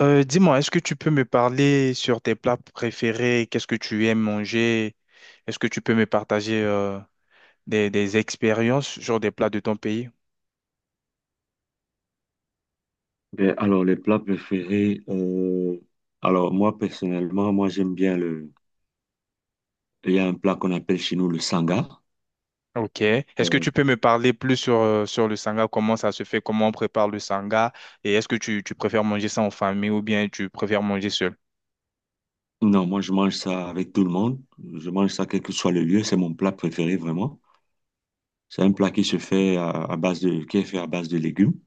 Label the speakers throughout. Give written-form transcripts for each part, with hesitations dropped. Speaker 1: Dis-moi, est-ce que tu peux me parler sur tes plats préférés? Qu'est-ce que tu aimes manger? Est-ce que tu peux me partager des expériences sur des plats de ton pays?
Speaker 2: Ben, alors, les plats préférés, alors moi personnellement, moi j'aime bien le... Il y a un plat qu'on appelle chez nous le sanga.
Speaker 1: Ok. Est-ce que
Speaker 2: Euh,
Speaker 1: tu peux me parler plus sur, sur le sanga? Comment ça se fait? Comment on prépare le sanga? Et est-ce que tu préfères manger ça en famille ou bien tu préfères manger seul?
Speaker 2: non, moi je mange ça avec tout le monde. Je mange ça quel que soit le lieu. C'est mon plat préféré vraiment. C'est un plat qui se fait à base de... qui est fait à base de légumes,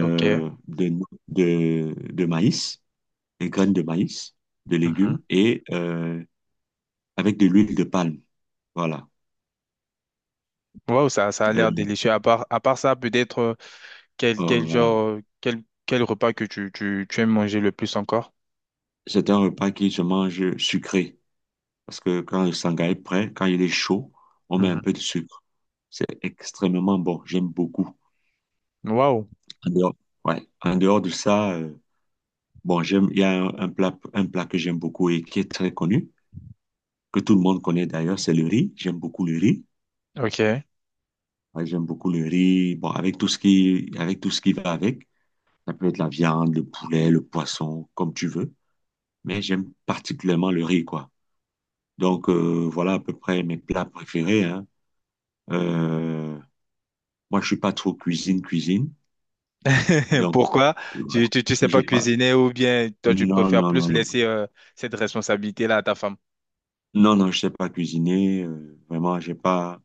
Speaker 1: Ok.
Speaker 2: de, no- de maïs, des graines de maïs, de
Speaker 1: Mhm.
Speaker 2: légumes et avec de l'huile de palme. Voilà.
Speaker 1: Wow, ça a
Speaker 2: Euh,
Speaker 1: l'air délicieux. À part ça, peut-être euh, quel, quel
Speaker 2: voilà.
Speaker 1: genre, euh, quel, quel repas que tu aimes manger le plus encore?
Speaker 2: C'est un repas qui se mange sucré. Parce que quand le sangai est prêt, quand il est chaud, on met un peu de sucre. C'est extrêmement bon. J'aime beaucoup.
Speaker 1: Waouh,
Speaker 2: En dehors, ouais. En dehors de ça, bon, j'aime, il y a un plat que j'aime beaucoup et qui est très connu, que tout le monde connaît d'ailleurs, c'est le riz. J'aime beaucoup le riz.
Speaker 1: ok.
Speaker 2: Ouais, j'aime beaucoup le riz. Bon, avec avec tout ce qui va avec. Ça peut être la viande, le poulet, le poisson, comme tu veux. Mais j'aime particulièrement le riz, quoi. Donc, voilà à peu près mes plats préférés, hein. Euh, Moi, je suis pas trop cuisine. Et donc,
Speaker 1: Pourquoi?
Speaker 2: ouais,
Speaker 1: Tu sais pas
Speaker 2: j'ai pas.
Speaker 1: cuisiner ou bien toi tu
Speaker 2: Non,
Speaker 1: préfères
Speaker 2: non,
Speaker 1: plus
Speaker 2: non, non.
Speaker 1: laisser cette responsabilité-là à ta femme?
Speaker 2: Non, non, je sais pas cuisiner. Vraiment, j'ai pas.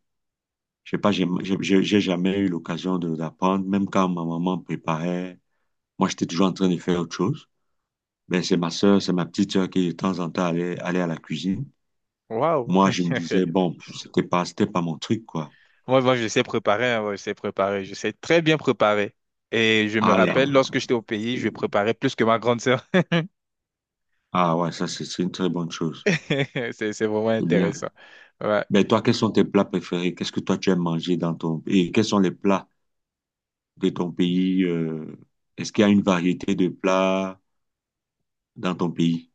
Speaker 2: J'ai jamais eu l'occasion de d'apprendre. Même quand ma maman préparait, moi, j'étais toujours en train de faire autre chose. Ben, c'est ma petite sœur qui, de temps en temps, allait à la cuisine.
Speaker 1: Waouh.
Speaker 2: Moi, je me disais, bon, c'était pas mon truc, quoi.
Speaker 1: Moi, je sais préparer, hein, ouais, je sais préparer, je sais très bien préparer. Et je me
Speaker 2: Ah là,
Speaker 1: rappelle, lorsque j'étais au pays, je préparais plus que ma grande sœur.
Speaker 2: ah ouais, ça, c'est une très bonne chose.
Speaker 1: C'est vraiment
Speaker 2: C'est bien.
Speaker 1: intéressant. Ouais.
Speaker 2: Ben, toi, quels sont tes plats préférés? Qu'est-ce que toi, tu aimes manger dans ton... Et quels sont les plats de ton pays, est-ce qu'il y a une variété de plats dans ton pays?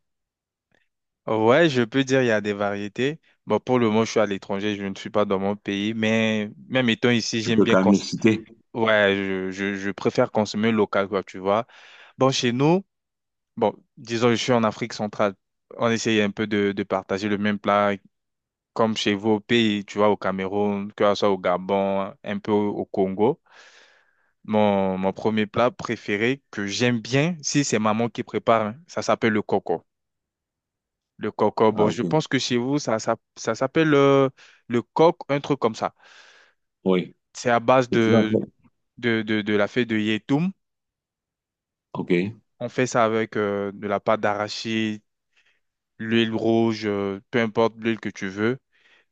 Speaker 1: Ouais, je peux dire il y a des variétés. Bon, pour le moment, je suis à l'étranger, je ne suis pas dans mon pays, mais même étant ici,
Speaker 2: Tu
Speaker 1: j'aime
Speaker 2: peux
Speaker 1: bien
Speaker 2: quand
Speaker 1: cons-
Speaker 2: même les citer?
Speaker 1: Ouais, je préfère consommer local, quoi, tu vois. Bon, chez nous, bon, disons, je suis en Afrique centrale. On essaye un peu de partager le même plat comme chez vous au pays, tu vois, au Cameroun, que ce soit au Gabon, un peu au Congo. Mon premier plat préféré que j'aime bien, si c'est maman qui prépare, hein, ça s'appelle le coco. Le coco,
Speaker 2: Ah,
Speaker 1: bon, je
Speaker 2: ok.
Speaker 1: pense que chez vous, ça s'appelle le coq, un truc comme ça.
Speaker 2: Oui,
Speaker 1: C'est à base
Speaker 2: c'est toujours à
Speaker 1: de,
Speaker 2: faire.
Speaker 1: de, de, de la feuille de yétoum.
Speaker 2: Ok.
Speaker 1: On fait ça avec de la pâte d'arachide, l'huile rouge, peu importe l'huile que tu veux.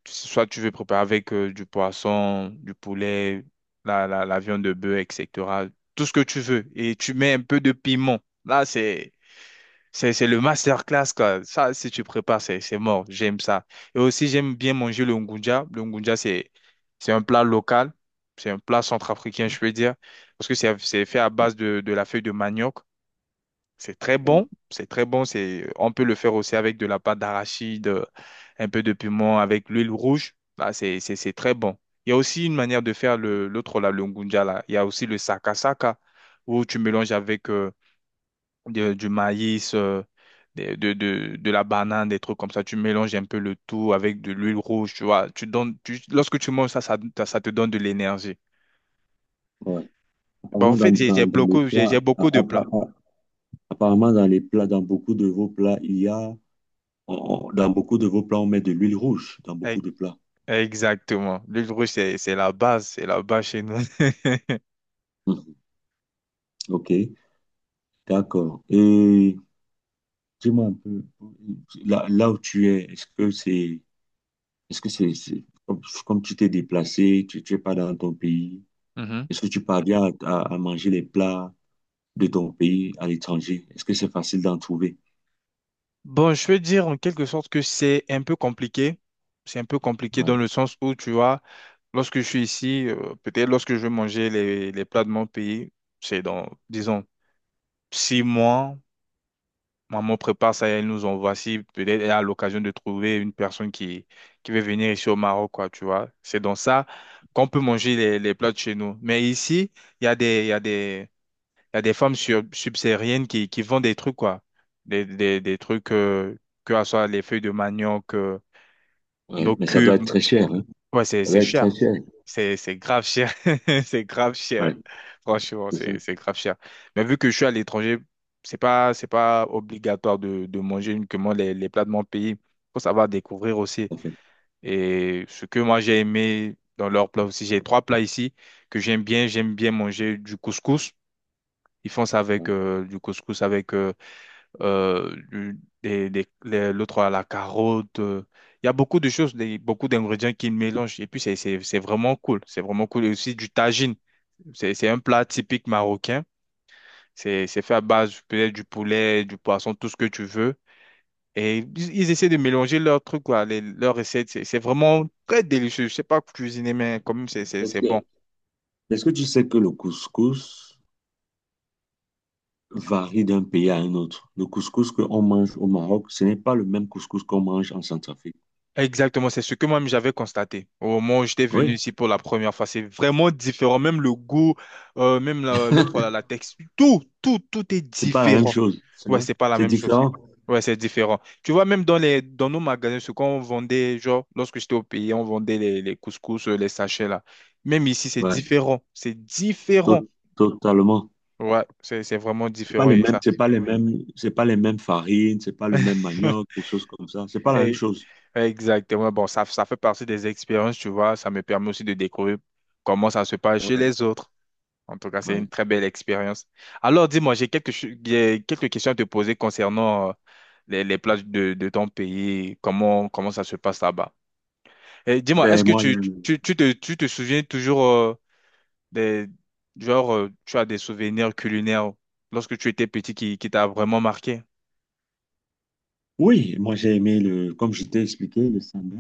Speaker 1: Soit tu veux préparer avec du poisson, du poulet, la viande de bœuf, etc. Tout ce que tu veux. Et tu mets un peu de piment. Là, c'est le masterclass, quoi. Ça, si tu prépares, c'est mort. J'aime ça. Et aussi, j'aime bien manger le ngunja. Le ngunja, c'est un plat local. C'est un plat centrafricain, je peux dire. Parce que c'est fait à base de la feuille de manioc. C'est très
Speaker 2: Ouais,
Speaker 1: bon, c'est très bon. C'est, on peut le faire aussi avec de la pâte d'arachide, un peu de piment, avec l'huile rouge. Là, c'est très bon. Il y a aussi une manière de faire le, l'autre, là, le ngunja, là. Il y a aussi le sakasaka, où tu mélanges avec du maïs, de la banane, des trucs comme ça. Tu mélanges un peu le tout avec de l'huile rouge, tu vois. Tu donnes, tu- lorsque tu manges ça, ça te donne de l'énergie.
Speaker 2: ouais.
Speaker 1: Bah, en
Speaker 2: Apparemment,
Speaker 1: fait, j'ai j'ai
Speaker 2: dans les
Speaker 1: beaucoup, j'ai j'ai
Speaker 2: plats,
Speaker 1: beaucoup de plats.
Speaker 2: apparemment, dans les plats, dans beaucoup de vos plats, il y a, dans beaucoup de vos plats, on met de l'huile rouge, dans beaucoup de plats.
Speaker 1: Exactement. L'huile rouge, c'est la base chez nous.
Speaker 2: Mhm. Ok, d'accord. Et dis-moi un peu, là où tu es, est-ce que c'est, comme, comme tu t'es déplacé, tu es pas dans ton pays.
Speaker 1: Mhm.
Speaker 2: Est-ce que tu parviens à manger les plats de ton pays à l'étranger? Est-ce que c'est facile d'en trouver?
Speaker 1: Bon, je veux dire en quelque sorte que c'est un peu compliqué. C'est un peu compliqué
Speaker 2: Ouais,
Speaker 1: dans le sens où, tu vois, lorsque je suis ici, peut-être lorsque je vais manger les plats de mon pays, c'est dans, disons, six mois, maman prépare ça et elle nous envoie. Si peut-être elle a l'occasion de trouver une personne qui veut venir ici au Maroc, quoi, tu vois. C'est dans ça qu'on peut manger les plats de chez nous. Mais ici, il y a des il y a des femmes subsahariennes qui vendent des trucs, quoi. Des trucs, que ce soit les feuilles de manioc,
Speaker 2: ouais,
Speaker 1: nos
Speaker 2: mais ça doit
Speaker 1: cubes.
Speaker 2: être très cher, hein?
Speaker 1: Ouais,
Speaker 2: Ça
Speaker 1: c'est
Speaker 2: doit être très
Speaker 1: cher.
Speaker 2: cher.
Speaker 1: C'est grave cher. C'est grave cher.
Speaker 2: Ouais,
Speaker 1: Franchement,
Speaker 2: c'est ça,
Speaker 1: c'est grave cher. Mais vu que je suis à l'étranger, c'est pas obligatoire de manger uniquement les plats de mon pays. Faut savoir découvrir aussi.
Speaker 2: tout à fait.
Speaker 1: Et ce que moi j'ai aimé dans leurs plats aussi, j'ai trois plats ici que j'aime bien. J'aime bien manger du couscous. Ils font ça avec
Speaker 2: Ouais.
Speaker 1: du couscous avec l'autre à la carotte. Il y a beaucoup de choses, beaucoup d'ingrédients qu'ils mélangent. Et puis, c'est vraiment cool. C'est vraiment cool. Et aussi du tagine. C'est un plat typique marocain. C'est fait à base peut-être du poulet, du poisson, tout ce que tu veux. Et ils essaient de mélanger leurs trucs, quoi, leurs recettes. C'est vraiment très délicieux. Je sais pas cuisiner, mais quand même,
Speaker 2: Est-ce
Speaker 1: c'est bon.
Speaker 2: que, est-ce que tu sais que le couscous varie d'un pays à un autre? Le couscous qu'on mange au Maroc, ce n'est pas le même couscous qu'on mange en Centrafrique.
Speaker 1: Exactement, c'est ce que moi-même j'avais constaté au moment où j'étais venu
Speaker 2: Oui,
Speaker 1: ici pour la première fois. C'est vraiment différent, même le goût, même la texture, tout, tout est
Speaker 2: c'est pas la même
Speaker 1: différent.
Speaker 2: chose, c'est
Speaker 1: Ouais,
Speaker 2: vrai.
Speaker 1: c'est pas la
Speaker 2: C'est
Speaker 1: même chose.
Speaker 2: différent.
Speaker 1: Ouais, c'est différent. Tu vois, même dans dans nos magasins, ce qu'on vendait, genre, lorsque j'étais au pays, on vendait les couscous, les sachets là. Même ici, c'est
Speaker 2: Ouais,
Speaker 1: différent. C'est différent.
Speaker 2: to- totalement.
Speaker 1: Ouais, c'est vraiment différent et ça.
Speaker 2: C'est pas les mêmes farines, c'est pas le même manioc, des choses comme ça. C'est pas la même chose.
Speaker 1: Exactement. Bon, ça fait partie des expériences, tu vois. Ça me permet aussi de découvrir comment ça se passe chez
Speaker 2: Ouais,
Speaker 1: les autres. En tout cas, c'est une
Speaker 2: ouais.
Speaker 1: très belle expérience. Alors, dis-moi, j'ai quelques questions à te poser concernant les plages de ton pays. Comment ça se passe là-bas? Et dis-moi, est-ce
Speaker 2: Ben,
Speaker 1: que
Speaker 2: moi, il y a le-
Speaker 1: tu te souviens toujours des... Genre, tu as des souvenirs culinaires lorsque tu étais petit qui t'a vraiment marqué?
Speaker 2: oui, moi, j'ai aimé le, comme je t'ai expliqué, le samba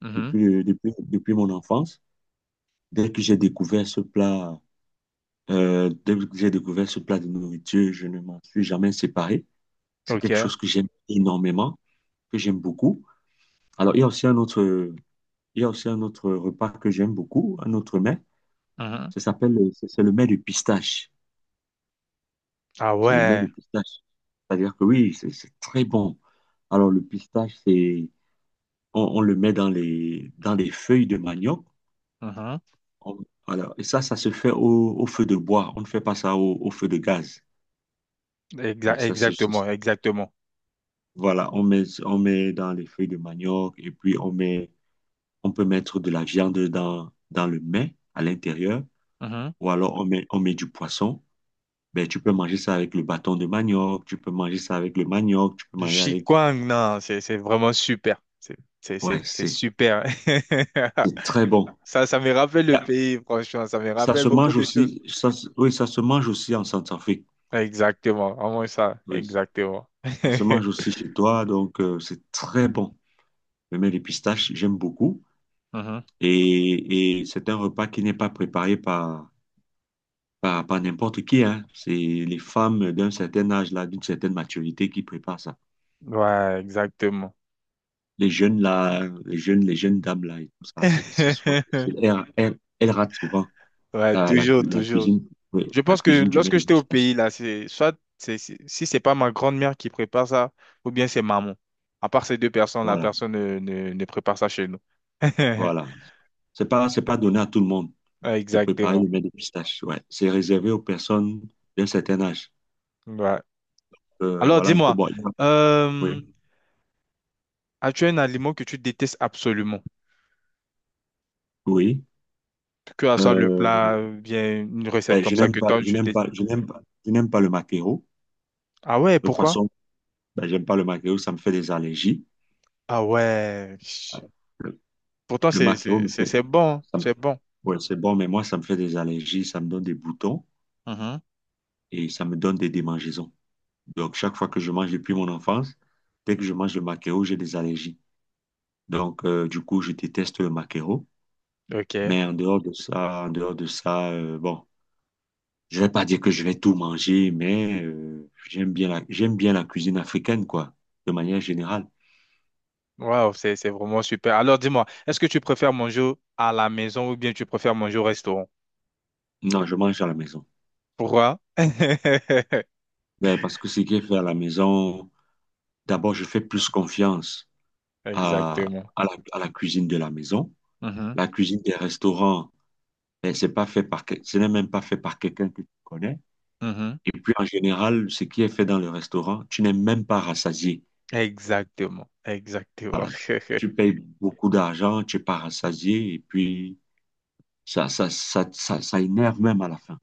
Speaker 1: Mhm.
Speaker 2: depuis mon enfance. Dès que j'ai découvert ce plat, Dès que j'ai découvert ce plat de nourriture, je ne m'en suis jamais séparé. C'est quelque
Speaker 1: OK.
Speaker 2: chose que j'aime énormément, que j'aime beaucoup. Alors, il y a aussi un autre repas que j'aime beaucoup, un autre mets.
Speaker 1: Mhm.
Speaker 2: Ça s'appelle, c'est le mets de pistache.
Speaker 1: Ah
Speaker 2: C'est le mets
Speaker 1: ouais.
Speaker 2: de pistache. C'est-à-dire que oui, c'est très bon. Alors, le pistache, c'est on le met dans les feuilles de manioc. On- voilà. Et ça se fait au feu de bois. On ne fait pas ça au feu de gaz. Oui, ça,
Speaker 1: Exactement, exactement.
Speaker 2: voilà, on met dans les feuilles de manioc et puis on peut mettre de la viande dans le mets à l'intérieur
Speaker 1: Mhm.
Speaker 2: ou alors on met du poisson. Ben, tu peux manger ça avec le bâton de manioc, tu peux manger ça avec le manioc, tu peux
Speaker 1: Du
Speaker 2: manger avec...
Speaker 1: Qigong, non, c'est vraiment super.
Speaker 2: Ouais,
Speaker 1: C'est super.
Speaker 2: c'est très bon.
Speaker 1: Ça me rappelle le
Speaker 2: Là,
Speaker 1: pays, franchement. Ça me
Speaker 2: ça
Speaker 1: rappelle
Speaker 2: se
Speaker 1: beaucoup
Speaker 2: mange
Speaker 1: de choses.
Speaker 2: aussi, oui, ça se mange aussi en Centrafrique.
Speaker 1: Exactement, vraiment ça.
Speaker 2: Oui,
Speaker 1: Exactement.
Speaker 2: ça se mange aussi chez toi, donc c'est très bon. Le miel de pistache, j'aime beaucoup.
Speaker 1: Mhm.
Speaker 2: Et c'est un repas qui n'est pas préparé par n'importe qui, hein. C'est les femmes d'un certain âge, là, d'une certaine maturité qui préparent ça.
Speaker 1: Ouais, exactement.
Speaker 2: Les jeunes dames, là, et tout ça, c'est, elles ratent souvent
Speaker 1: Ouais, toujours,
Speaker 2: la
Speaker 1: toujours.
Speaker 2: cuisine, oui,
Speaker 1: Je
Speaker 2: la
Speaker 1: pense que
Speaker 2: cuisine du miel
Speaker 1: lorsque
Speaker 2: de
Speaker 1: j'étais au
Speaker 2: pistache.
Speaker 1: pays, là, c'est soit si c'est pas ma grand-mère qui prépare ça, ou bien c'est maman. À part ces deux personnes, la
Speaker 2: Voilà,
Speaker 1: personne ne prépare ça chez nous.
Speaker 2: voilà. C'est pas donné à tout le monde
Speaker 1: Ouais,
Speaker 2: de préparer
Speaker 1: exactement.
Speaker 2: le miel de pistache, ouais. C'est réservé aux personnes d'un certain âge.
Speaker 1: Ouais. Alors,
Speaker 2: Voilà, un peu
Speaker 1: dis-moi,
Speaker 2: bon.
Speaker 1: euh,
Speaker 2: Oui,
Speaker 1: as-tu un aliment que tu détestes absolument?
Speaker 2: oui.
Speaker 1: Que ce soit le
Speaker 2: Euh,
Speaker 1: plat, bien une recette
Speaker 2: ben,
Speaker 1: comme
Speaker 2: je
Speaker 1: ça
Speaker 2: n'aime
Speaker 1: que
Speaker 2: pas,
Speaker 1: toi,
Speaker 2: je
Speaker 1: tu
Speaker 2: n'aime
Speaker 1: détestes.
Speaker 2: pas, je n'aime pas, je n'aime pas le maquereau.
Speaker 1: Ah ouais,
Speaker 2: Le
Speaker 1: pourquoi?
Speaker 2: poisson, ben, j'aime pas le maquereau, ça me fait des allergies.
Speaker 1: Ah ouais. Chut.
Speaker 2: Le,
Speaker 1: Pourtant,
Speaker 2: le maquereau me fait,
Speaker 1: c'est bon, hein,
Speaker 2: ça me-
Speaker 1: c'est bon.
Speaker 2: ouais, c'est bon, mais moi, ça me fait des allergies, ça me donne des boutons
Speaker 1: Mhm.
Speaker 2: et ça me donne des démangeaisons. Donc, chaque fois que je mange depuis mon enfance, dès que je mange le maquereau, j'ai des allergies. Donc, du coup, je déteste le maquereau.
Speaker 1: Ok.
Speaker 2: Mais en dehors de ça, bon. Je vais pas dire que je vais tout manger, mais j'aime bien la cuisine africaine, quoi, de manière générale.
Speaker 1: Waouh, c'est vraiment super. Alors, dis-moi, est-ce que tu préfères manger à la maison ou bien tu préfères manger au restaurant?
Speaker 2: Non, je mange à la maison.
Speaker 1: Pourquoi?
Speaker 2: Ben, parce que ce qui est fait à la maison, d'abord, je fais plus confiance
Speaker 1: Exactement.
Speaker 2: à la cuisine de la maison.
Speaker 1: Mhm.
Speaker 2: La cuisine des restaurants, ben, c'est pas fait ce n'est même pas fait par quelqu'un que tu connais.
Speaker 1: Mhm.
Speaker 2: Et puis, en général, ce qui est fait dans le restaurant, tu n'es même pas rassasié.
Speaker 1: Exactement. Exactement.
Speaker 2: Voilà. Tu payes beaucoup d'argent, tu n'es pas rassasié, et puis ça énerve même à la fin.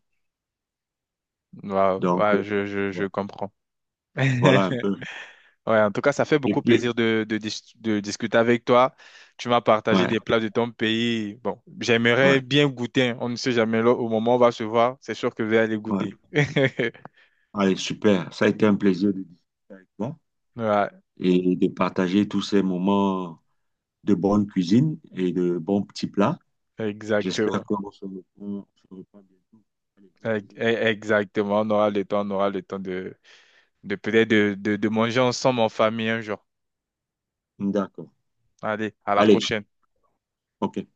Speaker 1: Ouais,
Speaker 2: Donc,
Speaker 1: ouais, je
Speaker 2: vo-
Speaker 1: comprends.
Speaker 2: voilà un peu.
Speaker 1: Ouais, en tout cas, ça fait
Speaker 2: Et
Speaker 1: beaucoup
Speaker 2: puis,
Speaker 1: plaisir de discuter avec toi. Tu m'as partagé
Speaker 2: ouais,
Speaker 1: des plats de ton pays. Bon, j'aimerais
Speaker 2: ouais,
Speaker 1: bien goûter, hein. On ne sait jamais là, au moment où on va se voir. C'est sûr que je vais aller
Speaker 2: ouais.
Speaker 1: goûter.
Speaker 2: Allez, super. Ça a été un plaisir de discuter avec toi
Speaker 1: Ouais,
Speaker 2: et de partager tous ces moments de bonne cuisine et de bons petits plats. J'espère
Speaker 1: exactement.
Speaker 2: on se reprend bientôt. Allez, au plaisir.
Speaker 1: Exactement. On aura le temps, on aura le temps de peut-être de manger ensemble en famille un jour.
Speaker 2: D'accord.
Speaker 1: Allez, à la
Speaker 2: Allez,
Speaker 1: prochaine.
Speaker 2: OK.